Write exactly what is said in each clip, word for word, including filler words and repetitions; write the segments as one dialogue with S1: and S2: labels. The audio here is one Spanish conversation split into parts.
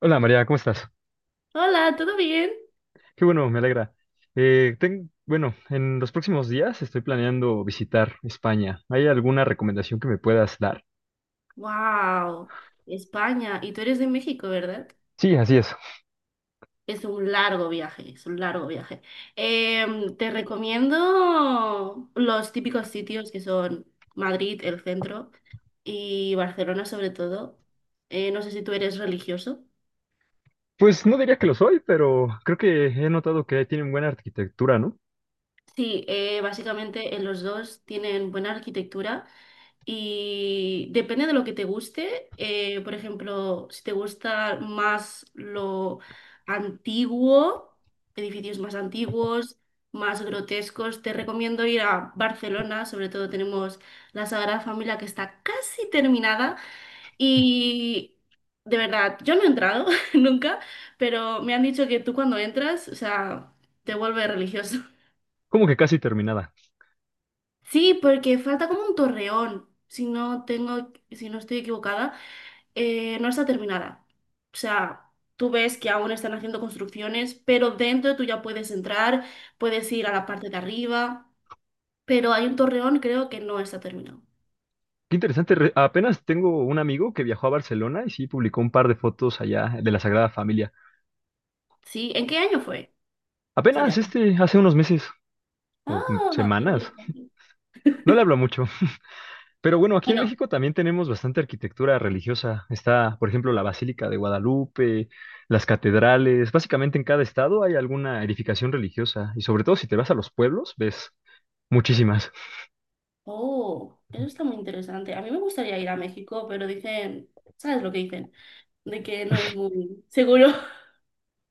S1: Hola María, ¿cómo estás?
S2: Hola, ¿todo bien?
S1: Qué bueno, me alegra. Eh, ten- bueno, en los próximos días estoy planeando visitar España. ¿Hay alguna recomendación que me puedas dar?
S2: Wow, España. Y tú eres de México, ¿verdad?
S1: Sí, así es.
S2: Es un largo viaje, es un largo viaje. Em, te recomiendo los típicos sitios que son Madrid, el centro, y Barcelona sobre todo. Eh, no sé si tú eres religioso.
S1: Pues no diría que lo soy, pero creo que he notado que tienen buena arquitectura, ¿no?
S2: Sí, eh, básicamente en los dos tienen buena arquitectura. Y depende de lo que te guste. eh, por ejemplo, si te gusta más lo antiguo, edificios más antiguos, más grotescos, te recomiendo ir a Barcelona. Sobre todo tenemos la Sagrada Familia que está casi terminada. Y de verdad, yo no he entrado nunca, pero me han dicho que tú cuando entras, o sea, te vuelve religioso.
S1: Como que casi terminada.
S2: Sí, porque falta como un torreón, si no tengo, si no estoy equivocada. eh, no está terminada. O sea, tú ves que aún están haciendo construcciones, pero dentro tú ya puedes entrar, puedes ir a la parte de arriba, pero hay un torreón creo que no está terminado.
S1: Qué interesante. Re- apenas tengo un amigo que viajó a Barcelona y sí publicó un par de fotos allá de la Sagrada Familia.
S2: ¿Sí? ¿En qué año fue? Sí, te
S1: Apenas
S2: acuerdas.
S1: este, hace unos meses o mm,
S2: Ah, qué
S1: semanas.
S2: interesante.
S1: No le hablo mucho. Pero bueno, aquí en
S2: Bueno,
S1: México también tenemos bastante arquitectura religiosa. Está, por ejemplo, la Basílica de Guadalupe, las catedrales. Básicamente en cada estado hay alguna edificación religiosa y sobre todo si te vas a los pueblos, ves muchísimas.
S2: oh, eso está muy interesante. A mí me gustaría ir a México, pero dicen, ¿sabes lo que dicen? De que no es muy seguro.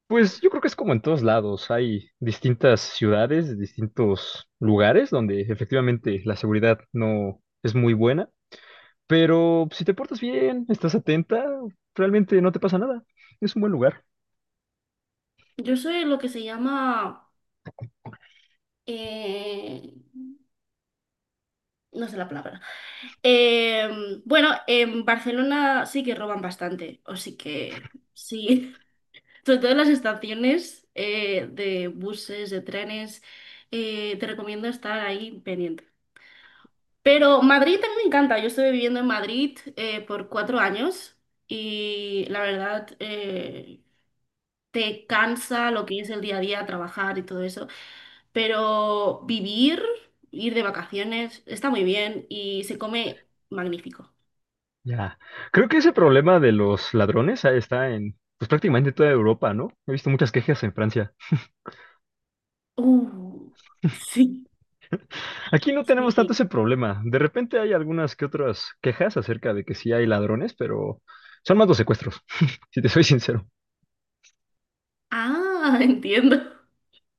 S1: Pues yo creo que es como en todos lados. Hay distintas ciudades, distintos lugares donde efectivamente la seguridad no es muy buena, pero si te portas bien, estás atenta, realmente no te pasa nada. Es un buen lugar.
S2: Yo soy lo que se llama... eh, No sé la palabra. Eh, bueno, en Barcelona sí que roban bastante, o sí que sí. Sobre todo en las estaciones eh, de buses, de trenes, eh, te recomiendo estar ahí pendiente. Pero Madrid también me encanta. Yo estuve viviendo en Madrid eh, por cuatro años y la verdad, eh, te cansa lo que es el día a día, trabajar y todo eso, pero vivir, ir de vacaciones, está muy bien y se come magnífico.
S1: Ya. Creo que ese problema de los ladrones ah, está en pues prácticamente toda Europa, ¿no? He visto muchas quejas en Francia.
S2: Uh, sí,
S1: Aquí no tenemos tanto
S2: sí.
S1: ese problema. De repente hay algunas que otras quejas acerca de que sí hay ladrones, pero son más los secuestros, si te soy sincero.
S2: Ah, entiendo.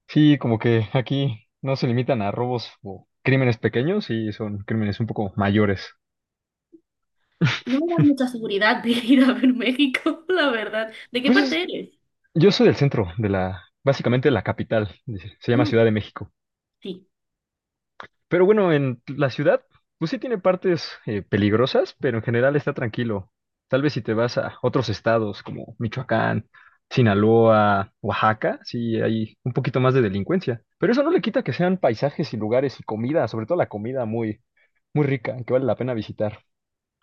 S1: Sí, como que aquí no se limitan a robos o crímenes pequeños, y son crímenes un poco mayores.
S2: No me das mucha seguridad de ir a ver México, la verdad. ¿De qué
S1: Pues es-
S2: parte eres?
S1: yo soy del centro de la, básicamente de la capital, dice, se llama
S2: Mm,
S1: Ciudad de México.
S2: sí.
S1: Pero bueno, en la ciudad, pues sí tiene partes eh, peligrosas, pero en general está tranquilo. Tal vez si te vas a otros estados como Michoacán, Sinaloa, Oaxaca, sí hay un poquito más de delincuencia. Pero eso no le quita que sean paisajes y lugares y comida, sobre todo la comida muy, muy rica, que vale la pena visitar.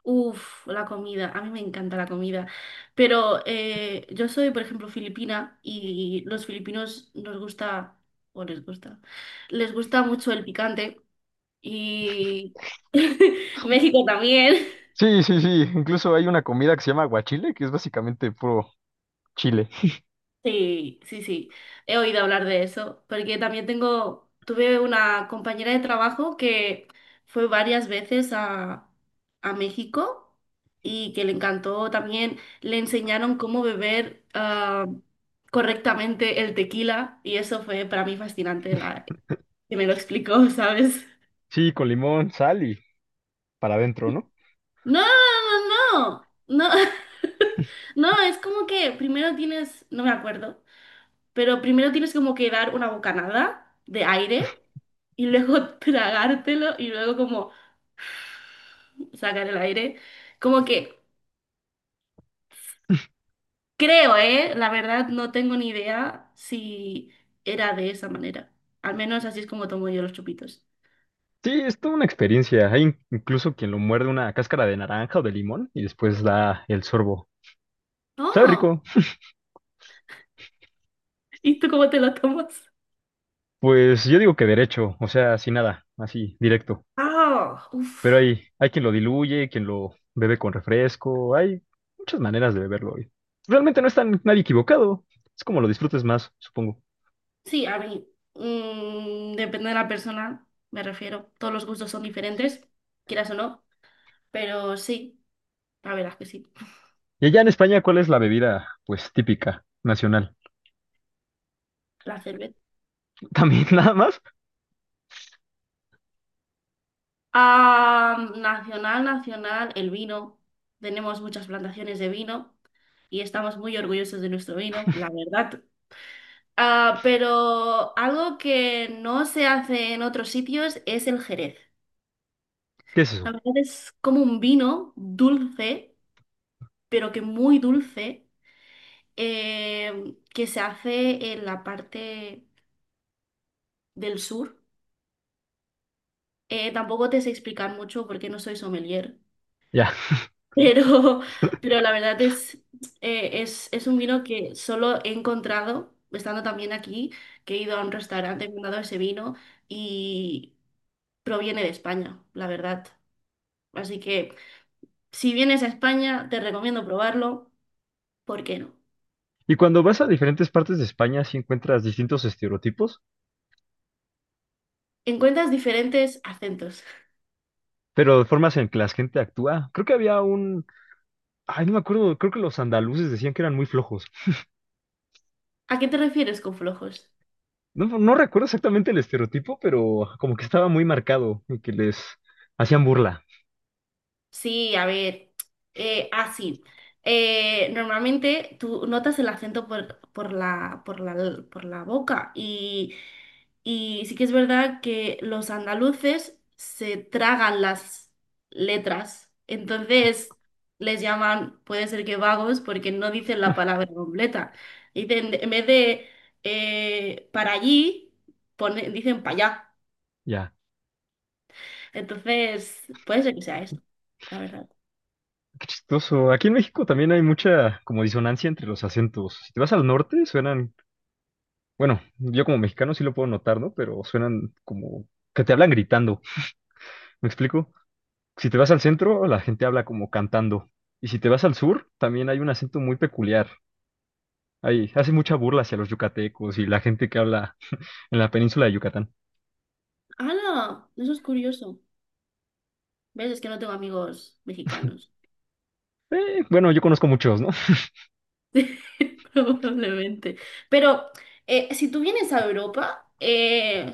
S2: Uf, la comida, a mí me encanta la comida, pero eh, yo soy, por ejemplo, filipina y los filipinos nos gusta, o les gusta, les gusta mucho el picante y México también.
S1: Sí, sí, sí. Incluso hay una comida que se llama aguachile, que es básicamente puro chile.
S2: Sí, sí, sí, he oído hablar de eso, porque también tengo, tuve una compañera de trabajo que fue varias veces a, a México y que le encantó también, le enseñaron cómo beber ah, correctamente el tequila y eso fue para mí fascinante, la, que me lo explicó, ¿sabes?
S1: Sí, con limón, sal y para adentro, ¿no?
S2: No, no, no, no, no, no, es como que primero tienes, no me acuerdo. Pero primero tienes como que dar una bocanada de aire y luego tragártelo y luego como sacar el aire. Como que creo, ¿eh? La verdad no tengo ni idea si era de esa manera. Al menos así es como tomo yo los chupitos.
S1: Sí, es toda una experiencia. Hay in- incluso quien lo muerde una cáscara de naranja o de limón y después da el sorbo. ¿Sabe
S2: Oh,
S1: rico?
S2: ¿y tú cómo te lo tomas?
S1: Pues yo digo que derecho, o sea, sin nada, así, directo.
S2: Ah,
S1: Pero
S2: uff.
S1: hay, hay quien lo diluye, quien lo bebe con refresco, hay muchas maneras de beberlo hoy. Realmente no está nadie equivocado, es como lo disfrutes más, supongo.
S2: Sí, a mí. mm, depende de la persona, me refiero. Todos los gustos son diferentes, quieras o no. Pero sí, la verdad es que sí.
S1: Y allá en España, ¿cuál es la bebida, pues, típica, nacional?
S2: La cerveza.
S1: También nada más,
S2: Ah, nacional, nacional, el vino. Tenemos muchas plantaciones de vino y estamos muy orgullosos de nuestro vino, la verdad. Ah, pero algo que no se hace en otros sitios es el Jerez.
S1: ¿qué es
S2: La
S1: eso?
S2: verdad es como un vino dulce, pero que muy dulce, eh, que se hace en la parte del sur. Eh, tampoco te sé explicar mucho porque no soy sommelier,
S1: Ya.
S2: Pero, pero la verdad es, eh, es, es un vino que solo he encontrado, estando también aquí, que he ido a un restaurante, me han dado ese vino y proviene de España, la verdad. Así que si vienes a España, te recomiendo probarlo, ¿por qué no?
S1: Y cuando vas a diferentes partes de España, si encuentras distintos estereotipos.
S2: Encuentras diferentes acentos.
S1: Pero de formas en que la gente actúa. Creo que había un... Ay, no me acuerdo, creo que los andaluces decían que eran muy flojos.
S2: ¿A qué te refieres con flojos?
S1: No, no recuerdo exactamente el estereotipo, pero como que estaba muy marcado y que les hacían burla.
S2: Sí, a ver, eh, ah, sí. Eh, normalmente tú notas el acento por, por la, por la, por la boca y, y sí que es verdad que los andaluces se tragan las letras, entonces les llaman, puede ser que vagos, porque no dicen la palabra completa. Dicen, en vez de eh, para allí, pone- dicen para allá.
S1: Ya,
S2: Entonces, puede ser que sea eso, la verdad.
S1: qué chistoso. Aquí en México también hay mucha como disonancia entre los acentos. Si te vas al norte, suenan... Bueno, yo como mexicano sí lo puedo notar, ¿no? Pero suenan como que te hablan gritando. ¿Me explico? Si te vas al centro, la gente habla como cantando. Y si te vas al sur, también hay un acento muy peculiar. Ahí hace mucha burla hacia los yucatecos y la gente que habla en la península de Yucatán.
S2: ¡Hala! Eso es curioso. ¿Ves? Es que no tengo amigos mexicanos.
S1: Eh, bueno, yo conozco muchos, ¿no?
S2: Probablemente. Pero eh, si tú vienes a Europa, eh,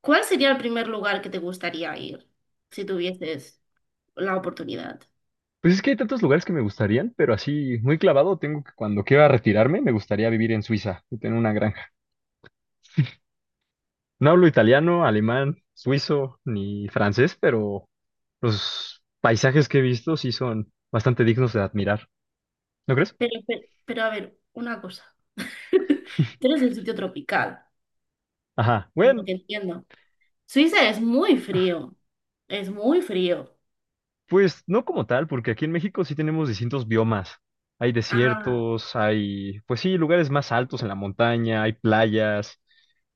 S2: ¿cuál sería el primer lugar que te gustaría ir si tuvieses la oportunidad?
S1: Pues es que hay tantos lugares que me gustarían, pero así muy clavado tengo que cuando quiera retirarme me gustaría vivir en Suiza y tener una granja. No hablo italiano, alemán, suizo ni francés, pero los paisajes que he visto sí son bastante dignos de admirar. ¿No crees?
S2: Pero, pero, pero, a ver, una cosa. Tú eres el sitio tropical,
S1: Ajá.
S2: lo
S1: Bueno,
S2: que entiendo. Suiza es muy frío. Es muy frío.
S1: pues no como tal, porque aquí en México sí tenemos distintos biomas. Hay
S2: Ah,
S1: desiertos, hay, pues sí, lugares más altos en la montaña, hay playas.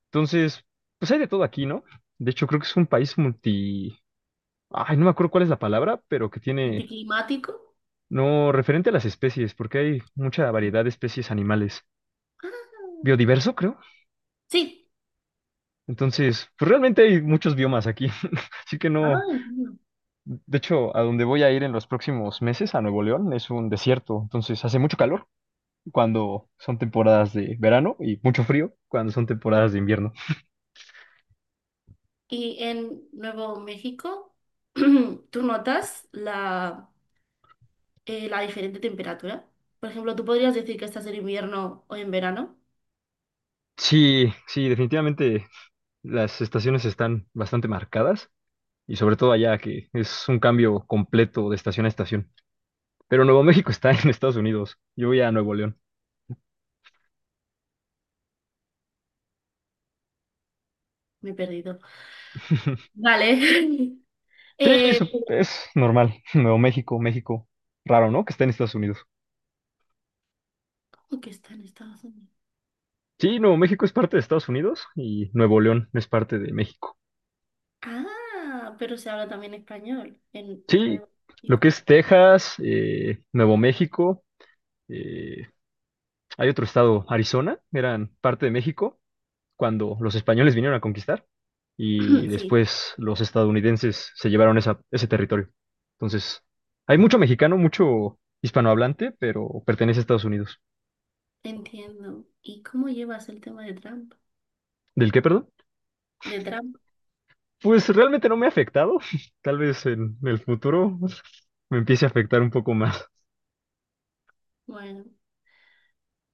S1: Entonces, pues hay de todo aquí, ¿no? De hecho, creo que es un país multi... Ay, no me acuerdo cuál es la palabra, pero que tiene...
S2: anticlimático.
S1: No, referente a las especies, porque hay mucha variedad de especies animales.
S2: Ah,
S1: Biodiverso, creo.
S2: sí.
S1: Entonces, pues realmente hay muchos biomas aquí. Así que no...
S2: Ay, Dios.
S1: De hecho, a donde voy a ir en los próximos meses, a Nuevo León, es un desierto. Entonces, hace mucho calor cuando son temporadas de verano y mucho frío cuando son temporadas de invierno.
S2: Y en Nuevo México, tú notas la, eh, la diferente temperatura. Por ejemplo, tú podrías decir que estás en invierno o en verano.
S1: Sí, sí, definitivamente las estaciones están bastante marcadas y sobre todo allá que es un cambio completo de estación a estación. Pero Nuevo México está en Estados Unidos, yo voy a Nuevo León.
S2: Me he perdido. Vale.
S1: Sí,
S2: Eh,
S1: eso es normal. Nuevo México, México, raro, ¿no? Que está en Estados Unidos.
S2: pero- que está en Estados Unidos.
S1: Sí, Nuevo México es parte de Estados Unidos y Nuevo León es parte de México.
S2: Ah, pero se habla también español en
S1: Sí,
S2: Nuevo
S1: lo que
S2: México.
S1: es Texas, eh, Nuevo México, eh, hay otro estado, Arizona, eran parte de México cuando los españoles vinieron a conquistar y
S2: Sí,
S1: después los estadounidenses se llevaron esa- ese territorio. Entonces, hay mucho mexicano, mucho hispanohablante, pero pertenece a Estados Unidos.
S2: entiendo. ¿Y cómo llevas el tema de Trump?
S1: ¿Del qué, perdón?
S2: De Trump.
S1: Pues realmente no me ha afectado. Tal vez en el futuro me empiece a afectar un poco más.
S2: Bueno,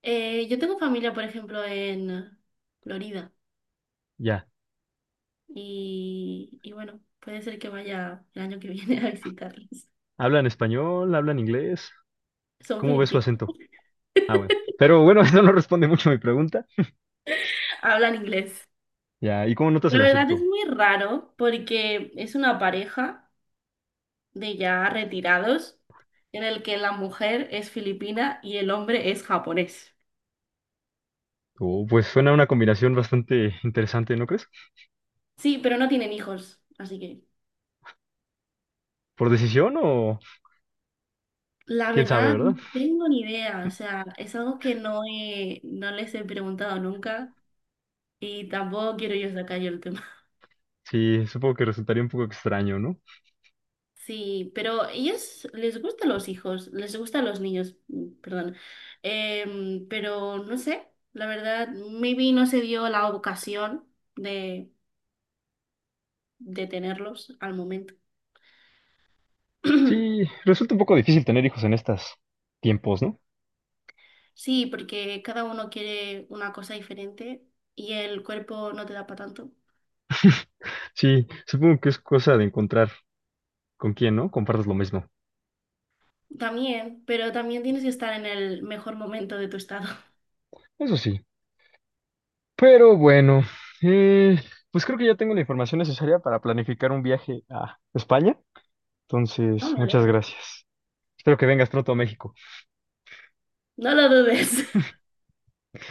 S2: Eh, yo tengo familia, por ejemplo, en Florida.
S1: Ya.
S2: y, y bueno, puede ser que vaya el año que viene a visitarlos.
S1: ¿Hablan español? ¿Hablan inglés?
S2: Son
S1: ¿Cómo ves su
S2: filipinos,
S1: acento? Ah, bueno. Pero bueno, eso no responde mucho a mi pregunta.
S2: hablan inglés.
S1: Ya. ¿Y cómo notas
S2: La
S1: el
S2: verdad es
S1: acento?
S2: muy raro porque es una pareja de ya retirados en el que la mujer es filipina y el hombre es japonés.
S1: Oh, pues suena una combinación bastante interesante, ¿no crees?
S2: Sí, pero no tienen hijos, así que
S1: ¿Por decisión o
S2: la
S1: quién sabe,
S2: verdad no
S1: verdad?
S2: tengo ni idea, o sea, es algo que no he- no les he preguntado nunca y tampoco quiero yo sacar yo el tema.
S1: Sí, supongo que resultaría un poco extraño, ¿no?
S2: Sí, pero ellas les gustan los hijos, les gustan los niños, mm, perdón. Em, pero no sé, la verdad, maybe no se dio la ocasión de, de tenerlos al momento.
S1: Sí, resulta un poco difícil tener hijos en estos tiempos, ¿no?
S2: Sí, porque cada uno quiere una cosa diferente y el cuerpo no te da para tanto.
S1: Sí, supongo que es cosa de encontrar con quién, ¿no? Compartas lo mismo.
S2: También, pero también tienes que estar en el mejor momento de tu estado.
S1: Eso sí. Pero bueno, eh, pues creo que ya tengo la información necesaria para planificar un viaje a España.
S2: No,
S1: Entonces,
S2: me
S1: muchas
S2: alegro.
S1: gracias. Espero que vengas pronto a México.
S2: No lo dudes.